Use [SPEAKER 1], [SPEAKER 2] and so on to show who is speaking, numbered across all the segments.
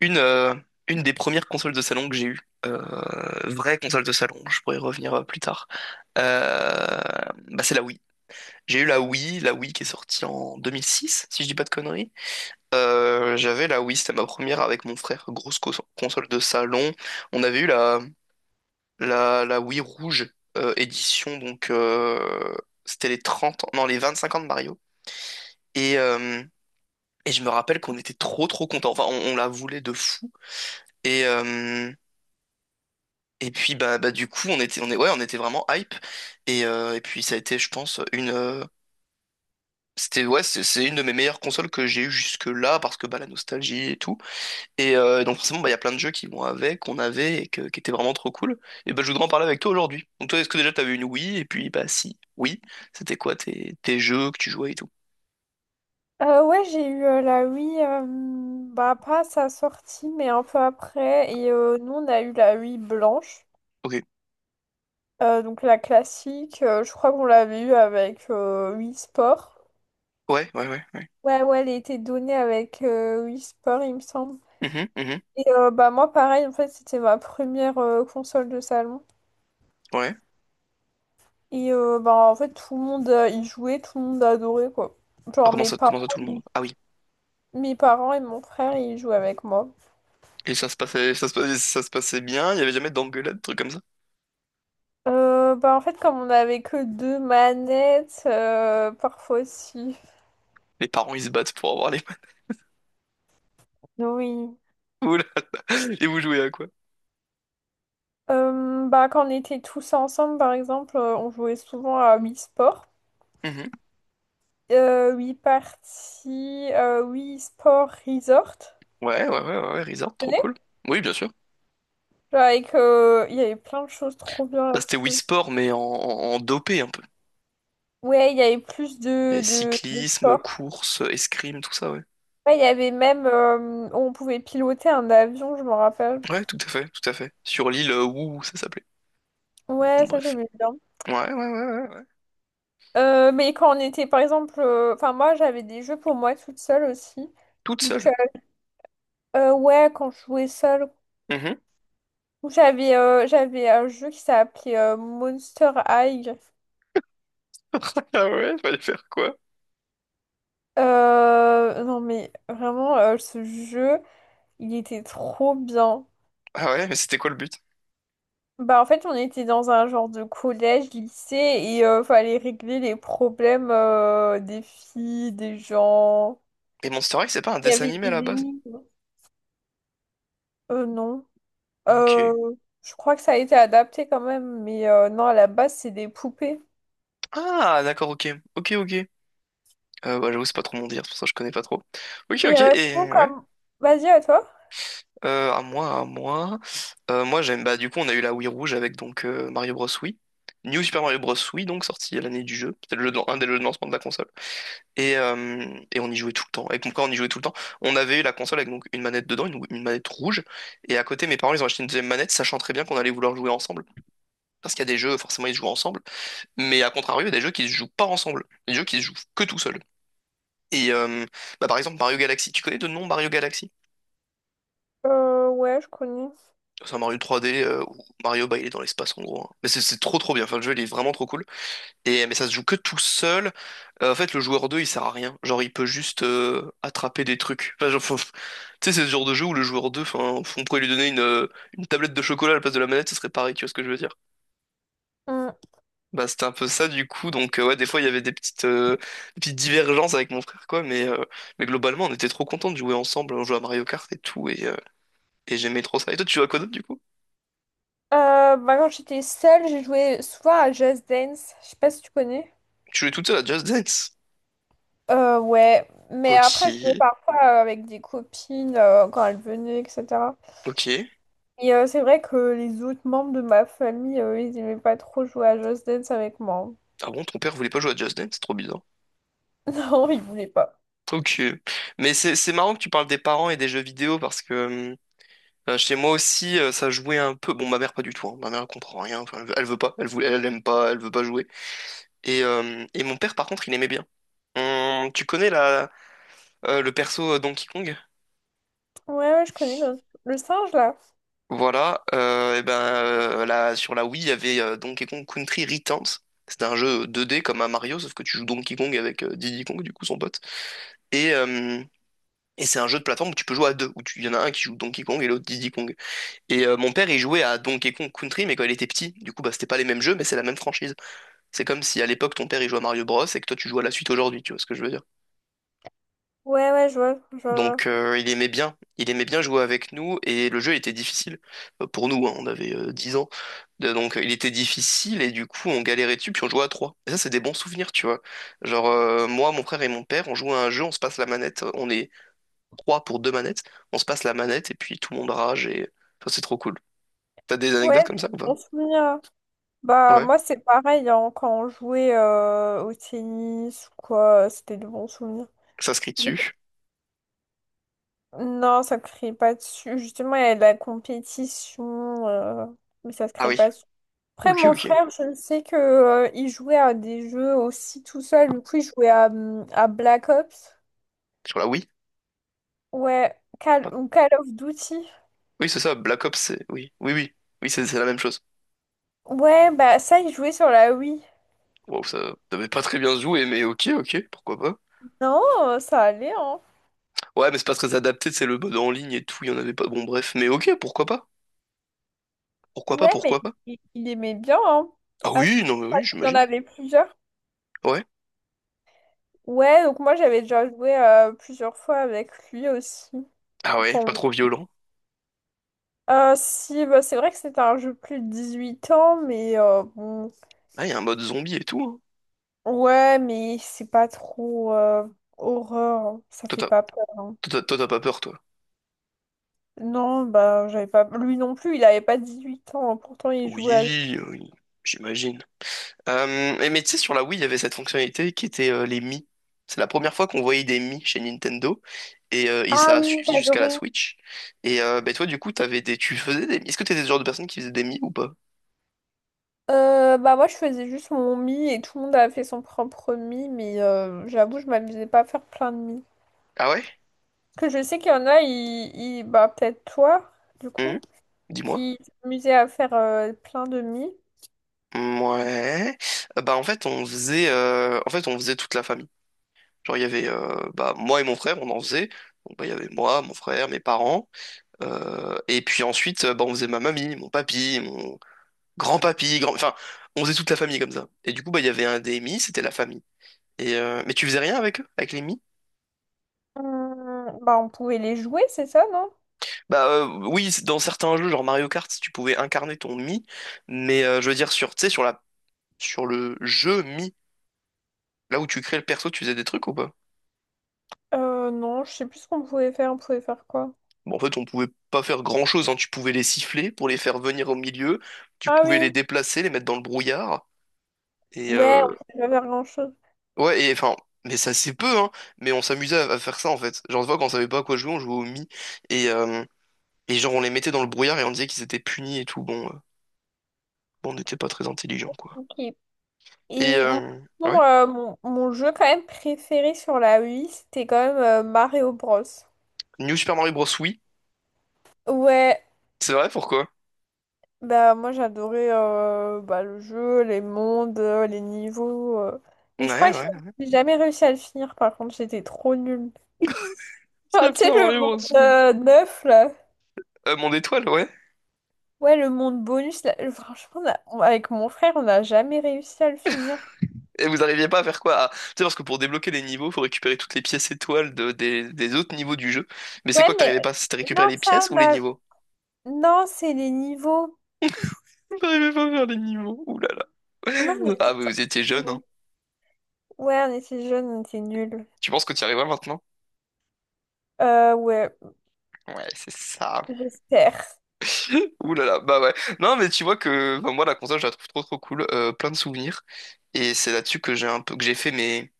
[SPEAKER 1] Une, euh, une des premières consoles de salon que j'ai eues, euh, vraie console de salon, je pourrais y revenir plus tard, euh, bah c'est la Wii. J'ai eu la Wii qui est sortie en 2006, si je dis pas de conneries. J'avais la Wii, c'était ma première avec mon frère, grosse console de salon. On avait eu la Wii rouge édition, donc c'était les 30 ans, non, les 25 ans de Mario. Et, euh, et je me rappelle qu'on était trop trop contents, enfin on la voulait de fou. Et, euh, Et puis bah du coup on est, ouais, on était vraiment hype et puis ça a été, je pense, une c'était, ouais, c'est une de mes meilleures consoles que j'ai eues jusque-là parce que bah la nostalgie et tout donc forcément bah il y a plein de jeux qui vont avec qu'on avait et qui étaient vraiment trop cool, et bah je voudrais en parler avec toi aujourd'hui. Donc toi, est-ce que déjà t'avais une Wii? Et puis bah, si oui, c'était quoi tes jeux que tu jouais et tout?
[SPEAKER 2] Ouais, j'ai eu la Wii, bah pas à sa sortie, mais un peu après. Et nous, on a eu la Wii blanche.
[SPEAKER 1] Ok.
[SPEAKER 2] Donc la classique. Je crois qu'on l'avait eu avec Wii Sport.
[SPEAKER 1] Ouais, ouais, ouais, ouais.
[SPEAKER 2] Ouais, ouais, elle était donnée avec Wii Sport, il me semble.
[SPEAKER 1] Mhm, mhm.
[SPEAKER 2] Et bah moi, pareil, en fait, c'était ma première console de salon.
[SPEAKER 1] Ouais.
[SPEAKER 2] Et bah en fait, tout le monde y jouait, tout le monde adorait, quoi.
[SPEAKER 1] Ah,
[SPEAKER 2] Genre
[SPEAKER 1] comment
[SPEAKER 2] mes
[SPEAKER 1] ça,
[SPEAKER 2] parents,
[SPEAKER 1] comment ça, tout le
[SPEAKER 2] ils-
[SPEAKER 1] monde? Ah oui.
[SPEAKER 2] mes parents et mon frère, ils jouaient avec moi.
[SPEAKER 1] Et ça se passait, ça se passait bien? Il y avait jamais d'engueulade, trucs comme ça?
[SPEAKER 2] Bah en fait, comme on n'avait que deux manettes, parfois aussi.
[SPEAKER 1] Les parents, ils se battent pour avoir les...
[SPEAKER 2] Oui.
[SPEAKER 1] Oula. Et vous jouez à quoi?
[SPEAKER 2] Bah, quand on était tous ensemble, par exemple, on jouait souvent à Wii Sport.
[SPEAKER 1] Mhm.
[SPEAKER 2] Wii Party, Wii Sport Resort.
[SPEAKER 1] Ouais, ouais, ouais, ouais, ouais, Rizard,
[SPEAKER 2] Vous
[SPEAKER 1] trop
[SPEAKER 2] connaissez.
[SPEAKER 1] cool. Oui, bien sûr.
[SPEAKER 2] Genre avec, il y avait plein de choses trop bien
[SPEAKER 1] Bah, c'était Wii
[SPEAKER 2] là-dessus.
[SPEAKER 1] Sport, mais en dopé un peu.
[SPEAKER 2] Ouais, il y avait plus de,
[SPEAKER 1] Et
[SPEAKER 2] de
[SPEAKER 1] cyclisme,
[SPEAKER 2] sport.
[SPEAKER 1] course, escrime, tout ça, ouais.
[SPEAKER 2] Ouais, il y avait même, on pouvait piloter un avion, je m'en rappelle.
[SPEAKER 1] Ouais, tout à fait, tout à fait. Sur l'île Wu, ça s'appelait.
[SPEAKER 2] Ouais,
[SPEAKER 1] Bon,
[SPEAKER 2] ça
[SPEAKER 1] bref.
[SPEAKER 2] j'aimais bien.
[SPEAKER 1] Ouais, ouais, ouais, ouais, ouais.
[SPEAKER 2] Mais quand on était, par exemple, enfin moi j'avais des jeux pour moi toute seule aussi.
[SPEAKER 1] Toute
[SPEAKER 2] Donc euh,
[SPEAKER 1] seule.
[SPEAKER 2] euh, ouais, quand je jouais seule,
[SPEAKER 1] Mhm.
[SPEAKER 2] j'avais un jeu qui s'appelait Monster High.
[SPEAKER 1] Ah ouais, fallait faire quoi?
[SPEAKER 2] Non mais vraiment ce jeu, il était trop bien.
[SPEAKER 1] Ah ouais, mais c'était quoi le but?
[SPEAKER 2] Bah en fait on était dans un genre de collège, lycée et fallait régler les problèmes des filles, des gens.
[SPEAKER 1] Et Monster High, c'est pas un
[SPEAKER 2] Il y
[SPEAKER 1] dessin
[SPEAKER 2] avait
[SPEAKER 1] animé
[SPEAKER 2] des
[SPEAKER 1] à la base?
[SPEAKER 2] énigmes. Non. Euh,
[SPEAKER 1] Ok.
[SPEAKER 2] je crois que ça a été adapté quand même, mais non, à la base, c'est des poupées.
[SPEAKER 1] Ah, d'accord, ok. Ok, ok. Bah, j'avoue, c'est pas trop mon dire, c'est pour ça que je connais pas trop. Ok,
[SPEAKER 2] Et
[SPEAKER 1] ok,
[SPEAKER 2] sinon,
[SPEAKER 1] et ouais.
[SPEAKER 2] comme... Vas-y, à toi.
[SPEAKER 1] À moi, à moi. Moi, j'aime. Bah, du coup, on a eu la Wii Rouge avec, donc, Mario Bros. Wii. New Super Mario Bros. Wii, donc sorti à l'année du jeu. C'était le jeu un des jeux de lancement de la console. Et, euh, et on y jouait tout le temps. Avec mon frère, on y jouait tout le temps. On avait eu la console avec, donc, une manette dedans, une manette rouge. Et à côté, mes parents, ils ont acheté une deuxième manette, sachant très bien qu'on allait vouloir jouer ensemble. Parce qu'il y a des jeux, forcément, ils se jouent ensemble. Mais à contrario, il y a des jeux qui se jouent pas ensemble. Des jeux qui se jouent que tout seul. Et euh, Bah, par exemple, Mario Galaxy. Tu connais de nom Mario Galaxy?
[SPEAKER 2] Ouais, je connais.
[SPEAKER 1] C'est un Mario 3D où Mario, bah, il est dans l'espace, en gros, hein. Mais c'est trop trop bien. Enfin, le jeu il est vraiment trop cool. Et mais ça se joue que tout seul. En fait, le joueur 2 il sert à rien. Genre, il peut juste attraper des trucs. Enfin, genre, tu sais, c'est ce genre de jeu où le joueur deux, enfin, on pourrait lui donner une tablette de chocolat à la place de la manette, ce serait pareil. Tu vois ce que je veux dire?
[SPEAKER 2] Mm.
[SPEAKER 1] Bah c'était un peu ça du coup. Donc ouais, des fois il y avait des petites divergences avec mon frère, quoi. Mais globalement on était trop contents de jouer ensemble. On jouait à Mario Kart et tout et j'aimais trop ça. Et toi, tu jouais à quoi d'autre du coup?
[SPEAKER 2] Bah, quand j'étais seule, j'ai joué souvent à Just Dance. Je sais pas si tu connais.
[SPEAKER 1] Tu jouais toute seule à Just Dance?
[SPEAKER 2] Ouais, mais après, je jouais
[SPEAKER 1] Ok,
[SPEAKER 2] parfois avec des copines quand elles venaient, etc.
[SPEAKER 1] ok.
[SPEAKER 2] Et c'est vrai que les autres membres de ma famille, ils aimaient pas trop jouer à Just Dance avec moi.
[SPEAKER 1] Ah bon, ton père voulait pas jouer à Just Dance, c'est trop bizarre.
[SPEAKER 2] Non, ils voulaient pas.
[SPEAKER 1] Ok. Mais c'est marrant que tu parles des parents et des jeux vidéo parce que chez moi aussi, ça jouait un peu. Bon, ma mère pas du tout, hein. Ma mère, elle comprend rien. Enfin, elle veut pas. Elle voulait, elle aime pas. Elle veut pas jouer. Et mon père, par contre, il aimait bien. Tu connais la le perso Donkey Kong?
[SPEAKER 2] Ouais, ouais, le singe, là.
[SPEAKER 1] Voilà. Et ben là sur la Wii il y avait Donkey Kong Country Returns. C'était un jeu 2D comme un Mario, sauf que tu joues Donkey Kong avec Diddy Kong, du coup, son pote. Et euh, Et c'est un jeu de plateforme où tu peux jouer à deux, il y en a un qui joue Donkey Kong et l'autre Diddy Kong. Mon père, il jouait à Donkey Kong Country, mais quand il était petit, du coup, bah, c'était pas les mêmes jeux, mais c'est la même franchise. C'est comme si à l'époque, ton père, il jouait à Mario Bros et que toi, tu joues à la suite aujourd'hui, tu vois ce que je veux dire.
[SPEAKER 2] Ouais, ouais, je vois, je vois.
[SPEAKER 1] Donc, il aimait bien jouer avec nous, et le jeu était difficile. Pour nous, hein, on avait 10 ans. Donc, il était difficile, et du coup, on galérait dessus, puis on jouait à trois. Et ça, c'est des bons souvenirs, tu vois. Genre, moi, mon frère et mon père, on jouait à un jeu, on se passe la manette, on est trois pour deux manettes. On se passe la manette et puis tout le monde rage, et ça, c'est trop cool. T'as des
[SPEAKER 2] Ouais,
[SPEAKER 1] anecdotes comme ça ou
[SPEAKER 2] c'est
[SPEAKER 1] pas?
[SPEAKER 2] un souvenir, hein. Bah,
[SPEAKER 1] Ouais. Ça
[SPEAKER 2] moi, c'est pareil, hein, quand on jouait au tennis ou quoi, c'était de bons souvenirs.
[SPEAKER 1] se s'inscrit dessus.
[SPEAKER 2] Non, ça ne crée pas dessus. Justement, il y a de la compétition, mais ça se
[SPEAKER 1] Ah
[SPEAKER 2] crée
[SPEAKER 1] oui.
[SPEAKER 2] pas dessus. Après,
[SPEAKER 1] Ok,
[SPEAKER 2] mon
[SPEAKER 1] ok.
[SPEAKER 2] frère, je sais que, il jouait à des jeux aussi tout seul. Du coup, il jouait à Black Ops.
[SPEAKER 1] Sur la, oui.
[SPEAKER 2] Ouais, Call, ou Call of Duty.
[SPEAKER 1] Oui, c'est ça. Black Ops, c'est. Oui, oui, oui. Oui, c'est la même chose.
[SPEAKER 2] Ouais, bah ça, il jouait sur la Wii.
[SPEAKER 1] Wow, ça devait pas très bien se jouer, mais ok, ok, pourquoi pas.
[SPEAKER 2] Non, ça allait, hein.
[SPEAKER 1] Ouais, mais c'est pas très adapté, c'est le mode en ligne et tout, il y en avait pas. Bon, bref, mais ok, pourquoi pas. Pourquoi pas,
[SPEAKER 2] Ouais, mais
[SPEAKER 1] pourquoi pas.
[SPEAKER 2] il aimait bien, hein.
[SPEAKER 1] Ah
[SPEAKER 2] À ce
[SPEAKER 1] oui,
[SPEAKER 2] point,
[SPEAKER 1] non, mais
[SPEAKER 2] parce
[SPEAKER 1] oui,
[SPEAKER 2] qu'il en
[SPEAKER 1] j'imagine.
[SPEAKER 2] avait plusieurs.
[SPEAKER 1] Ouais.
[SPEAKER 2] Ouais, donc moi j'avais déjà joué plusieurs fois avec lui aussi.
[SPEAKER 1] Ah ouais,
[SPEAKER 2] Bon.
[SPEAKER 1] pas trop violent.
[SPEAKER 2] Si, bah, c'est vrai que c'était un jeu plus de 18 ans, mais bon.
[SPEAKER 1] Ah, il y a un mode zombie et tout, hein.
[SPEAKER 2] Ouais, mais c'est pas trop horreur, hein. Ça
[SPEAKER 1] Toi,
[SPEAKER 2] fait
[SPEAKER 1] t'as
[SPEAKER 2] pas peur, hein.
[SPEAKER 1] Toi, t'as pas peur, toi.
[SPEAKER 2] Non, bah j'avais pas. Lui non plus, il avait pas 18 ans, hein. Pourtant, il jouait à.
[SPEAKER 1] Oui, oui, j'imagine. Et mais tu sais, sur la Wii, il y avait cette fonctionnalité qui était les Mi. C'est la première fois qu'on voyait des Mi chez Nintendo. Et
[SPEAKER 2] Ah
[SPEAKER 1] ça a
[SPEAKER 2] oui,
[SPEAKER 1] suivi jusqu'à la
[SPEAKER 2] j'adorais.
[SPEAKER 1] Switch. Ben toi, du coup, tu faisais des Mi. Est-ce que t'étais le genre de personne qui faisait des Mi ou pas?
[SPEAKER 2] Bah moi je faisais juste mon mi et tout le monde a fait son propre mi mais j'avoue je m'amusais pas à faire plein de mi.
[SPEAKER 1] Ah ouais?
[SPEAKER 2] Que je sais qu'il y en a, bah peut-être toi du coup,
[SPEAKER 1] Mhm. Dis-moi.
[SPEAKER 2] qui s'amusaient à faire plein de mi.
[SPEAKER 1] Ouais. Bah, en fait, on faisait en fait on faisait toute la famille. Genre, il y avait bah moi et mon frère on en faisait. Donc bah il y avait moi, mon frère, mes parents. Et puis ensuite bah on faisait ma mamie, mon papy, grand-papy, enfin, on faisait toute la famille comme ça. Et du coup, bah, il y avait un DMI, c'était la famille. Mais tu faisais rien avec eux, avec les Mi?
[SPEAKER 2] Bah on pouvait les jouer c'est ça non?
[SPEAKER 1] Bah, oui, dans certains jeux, genre Mario Kart, tu pouvais incarner ton Mi, mais je veux dire, sur, tu sais, sur le jeu Mi, là où tu crées le perso, tu faisais des trucs ou pas?
[SPEAKER 2] Non je sais plus ce qu'on pouvait faire, on pouvait faire quoi?
[SPEAKER 1] Bon, en fait, on pouvait pas faire grand-chose, hein. Tu pouvais les siffler pour les faire venir au milieu, tu
[SPEAKER 2] Ah
[SPEAKER 1] pouvais
[SPEAKER 2] oui,
[SPEAKER 1] les déplacer, les mettre dans le brouillard, et...
[SPEAKER 2] ouais
[SPEAKER 1] euh,
[SPEAKER 2] on pouvait pas faire grand-chose.
[SPEAKER 1] Ouais, et enfin... Mais ça, c'est peu, hein. Mais on s'amusait à faire ça, en fait. Genre, des fois, quand on savait pas à quoi jouer, on jouait au Mi. Et, euh, Et genre, on les mettait dans le brouillard et on disait qu'ils étaient punis et tout. Bon, on n'était pas très intelligents, quoi.
[SPEAKER 2] Ok.
[SPEAKER 1] Et,
[SPEAKER 2] Et
[SPEAKER 1] euh, ouais.
[SPEAKER 2] mon jeu quand même préféré sur la Wii c'était quand même Mario Bros.
[SPEAKER 1] New Super Mario Bros. Oui.
[SPEAKER 2] Ouais,
[SPEAKER 1] C'est vrai, pourquoi?
[SPEAKER 2] bah moi j'adorais bah, le jeu, les mondes, les niveaux. Mais je crois
[SPEAKER 1] Ouais,
[SPEAKER 2] que
[SPEAKER 1] ouais.
[SPEAKER 2] j'ai jamais réussi à le finir par contre, j'étais trop nulle. Genre,
[SPEAKER 1] Super
[SPEAKER 2] tu sais le
[SPEAKER 1] Mario Bros.
[SPEAKER 2] monde
[SPEAKER 1] Oui.
[SPEAKER 2] 9 là.
[SPEAKER 1] Mon étoile, ouais.
[SPEAKER 2] Ouais le monde bonus là. Franchement avec mon frère on n'a jamais réussi à le finir.
[SPEAKER 1] Et vous arriviez pas à faire quoi? Ah, tu sais, parce que pour débloquer les niveaux, faut récupérer toutes les pièces étoiles des autres niveaux du jeu. Mais c'est
[SPEAKER 2] Ouais
[SPEAKER 1] quoi que
[SPEAKER 2] mais
[SPEAKER 1] t'arrivais pas? C'était récupérer
[SPEAKER 2] non
[SPEAKER 1] les
[SPEAKER 2] ça
[SPEAKER 1] pièces
[SPEAKER 2] on
[SPEAKER 1] ou les
[SPEAKER 2] a...
[SPEAKER 1] niveaux?
[SPEAKER 2] Non c'est les niveaux.
[SPEAKER 1] J'arrivais pas à faire les niveaux. Ouh là là.
[SPEAKER 2] Non on
[SPEAKER 1] Ah,
[SPEAKER 2] était...
[SPEAKER 1] mais vous étiez jeune,
[SPEAKER 2] on
[SPEAKER 1] hein.
[SPEAKER 2] est- Ouais on était jeunes, on était nuls.
[SPEAKER 1] Tu penses que tu y arriveras maintenant?
[SPEAKER 2] Ouais
[SPEAKER 1] Ouais, c'est ça.
[SPEAKER 2] j'espère.
[SPEAKER 1] Ouh là là, bah ouais. Non, mais tu vois, que enfin, moi la console, je la trouve trop trop cool, plein de souvenirs. Et c'est là-dessus que j'ai un peu que j'ai fait mes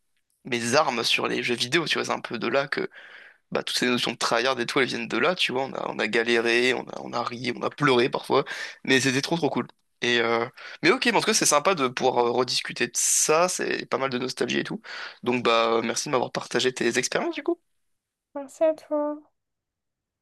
[SPEAKER 1] mes armes sur les jeux vidéo, tu vois, c'est un peu de là que bah toutes ces notions de tryhard et tout, elles viennent de là, tu vois. On a galéré, on a ri, on a pleuré parfois, mais c'était trop trop cool. Et euh, mais ok, mais en tout cas, c'est sympa de pouvoir rediscuter de ça, c'est pas mal de nostalgie et tout. Donc bah merci de m'avoir partagé tes expériences du coup.
[SPEAKER 2] Merci à toi.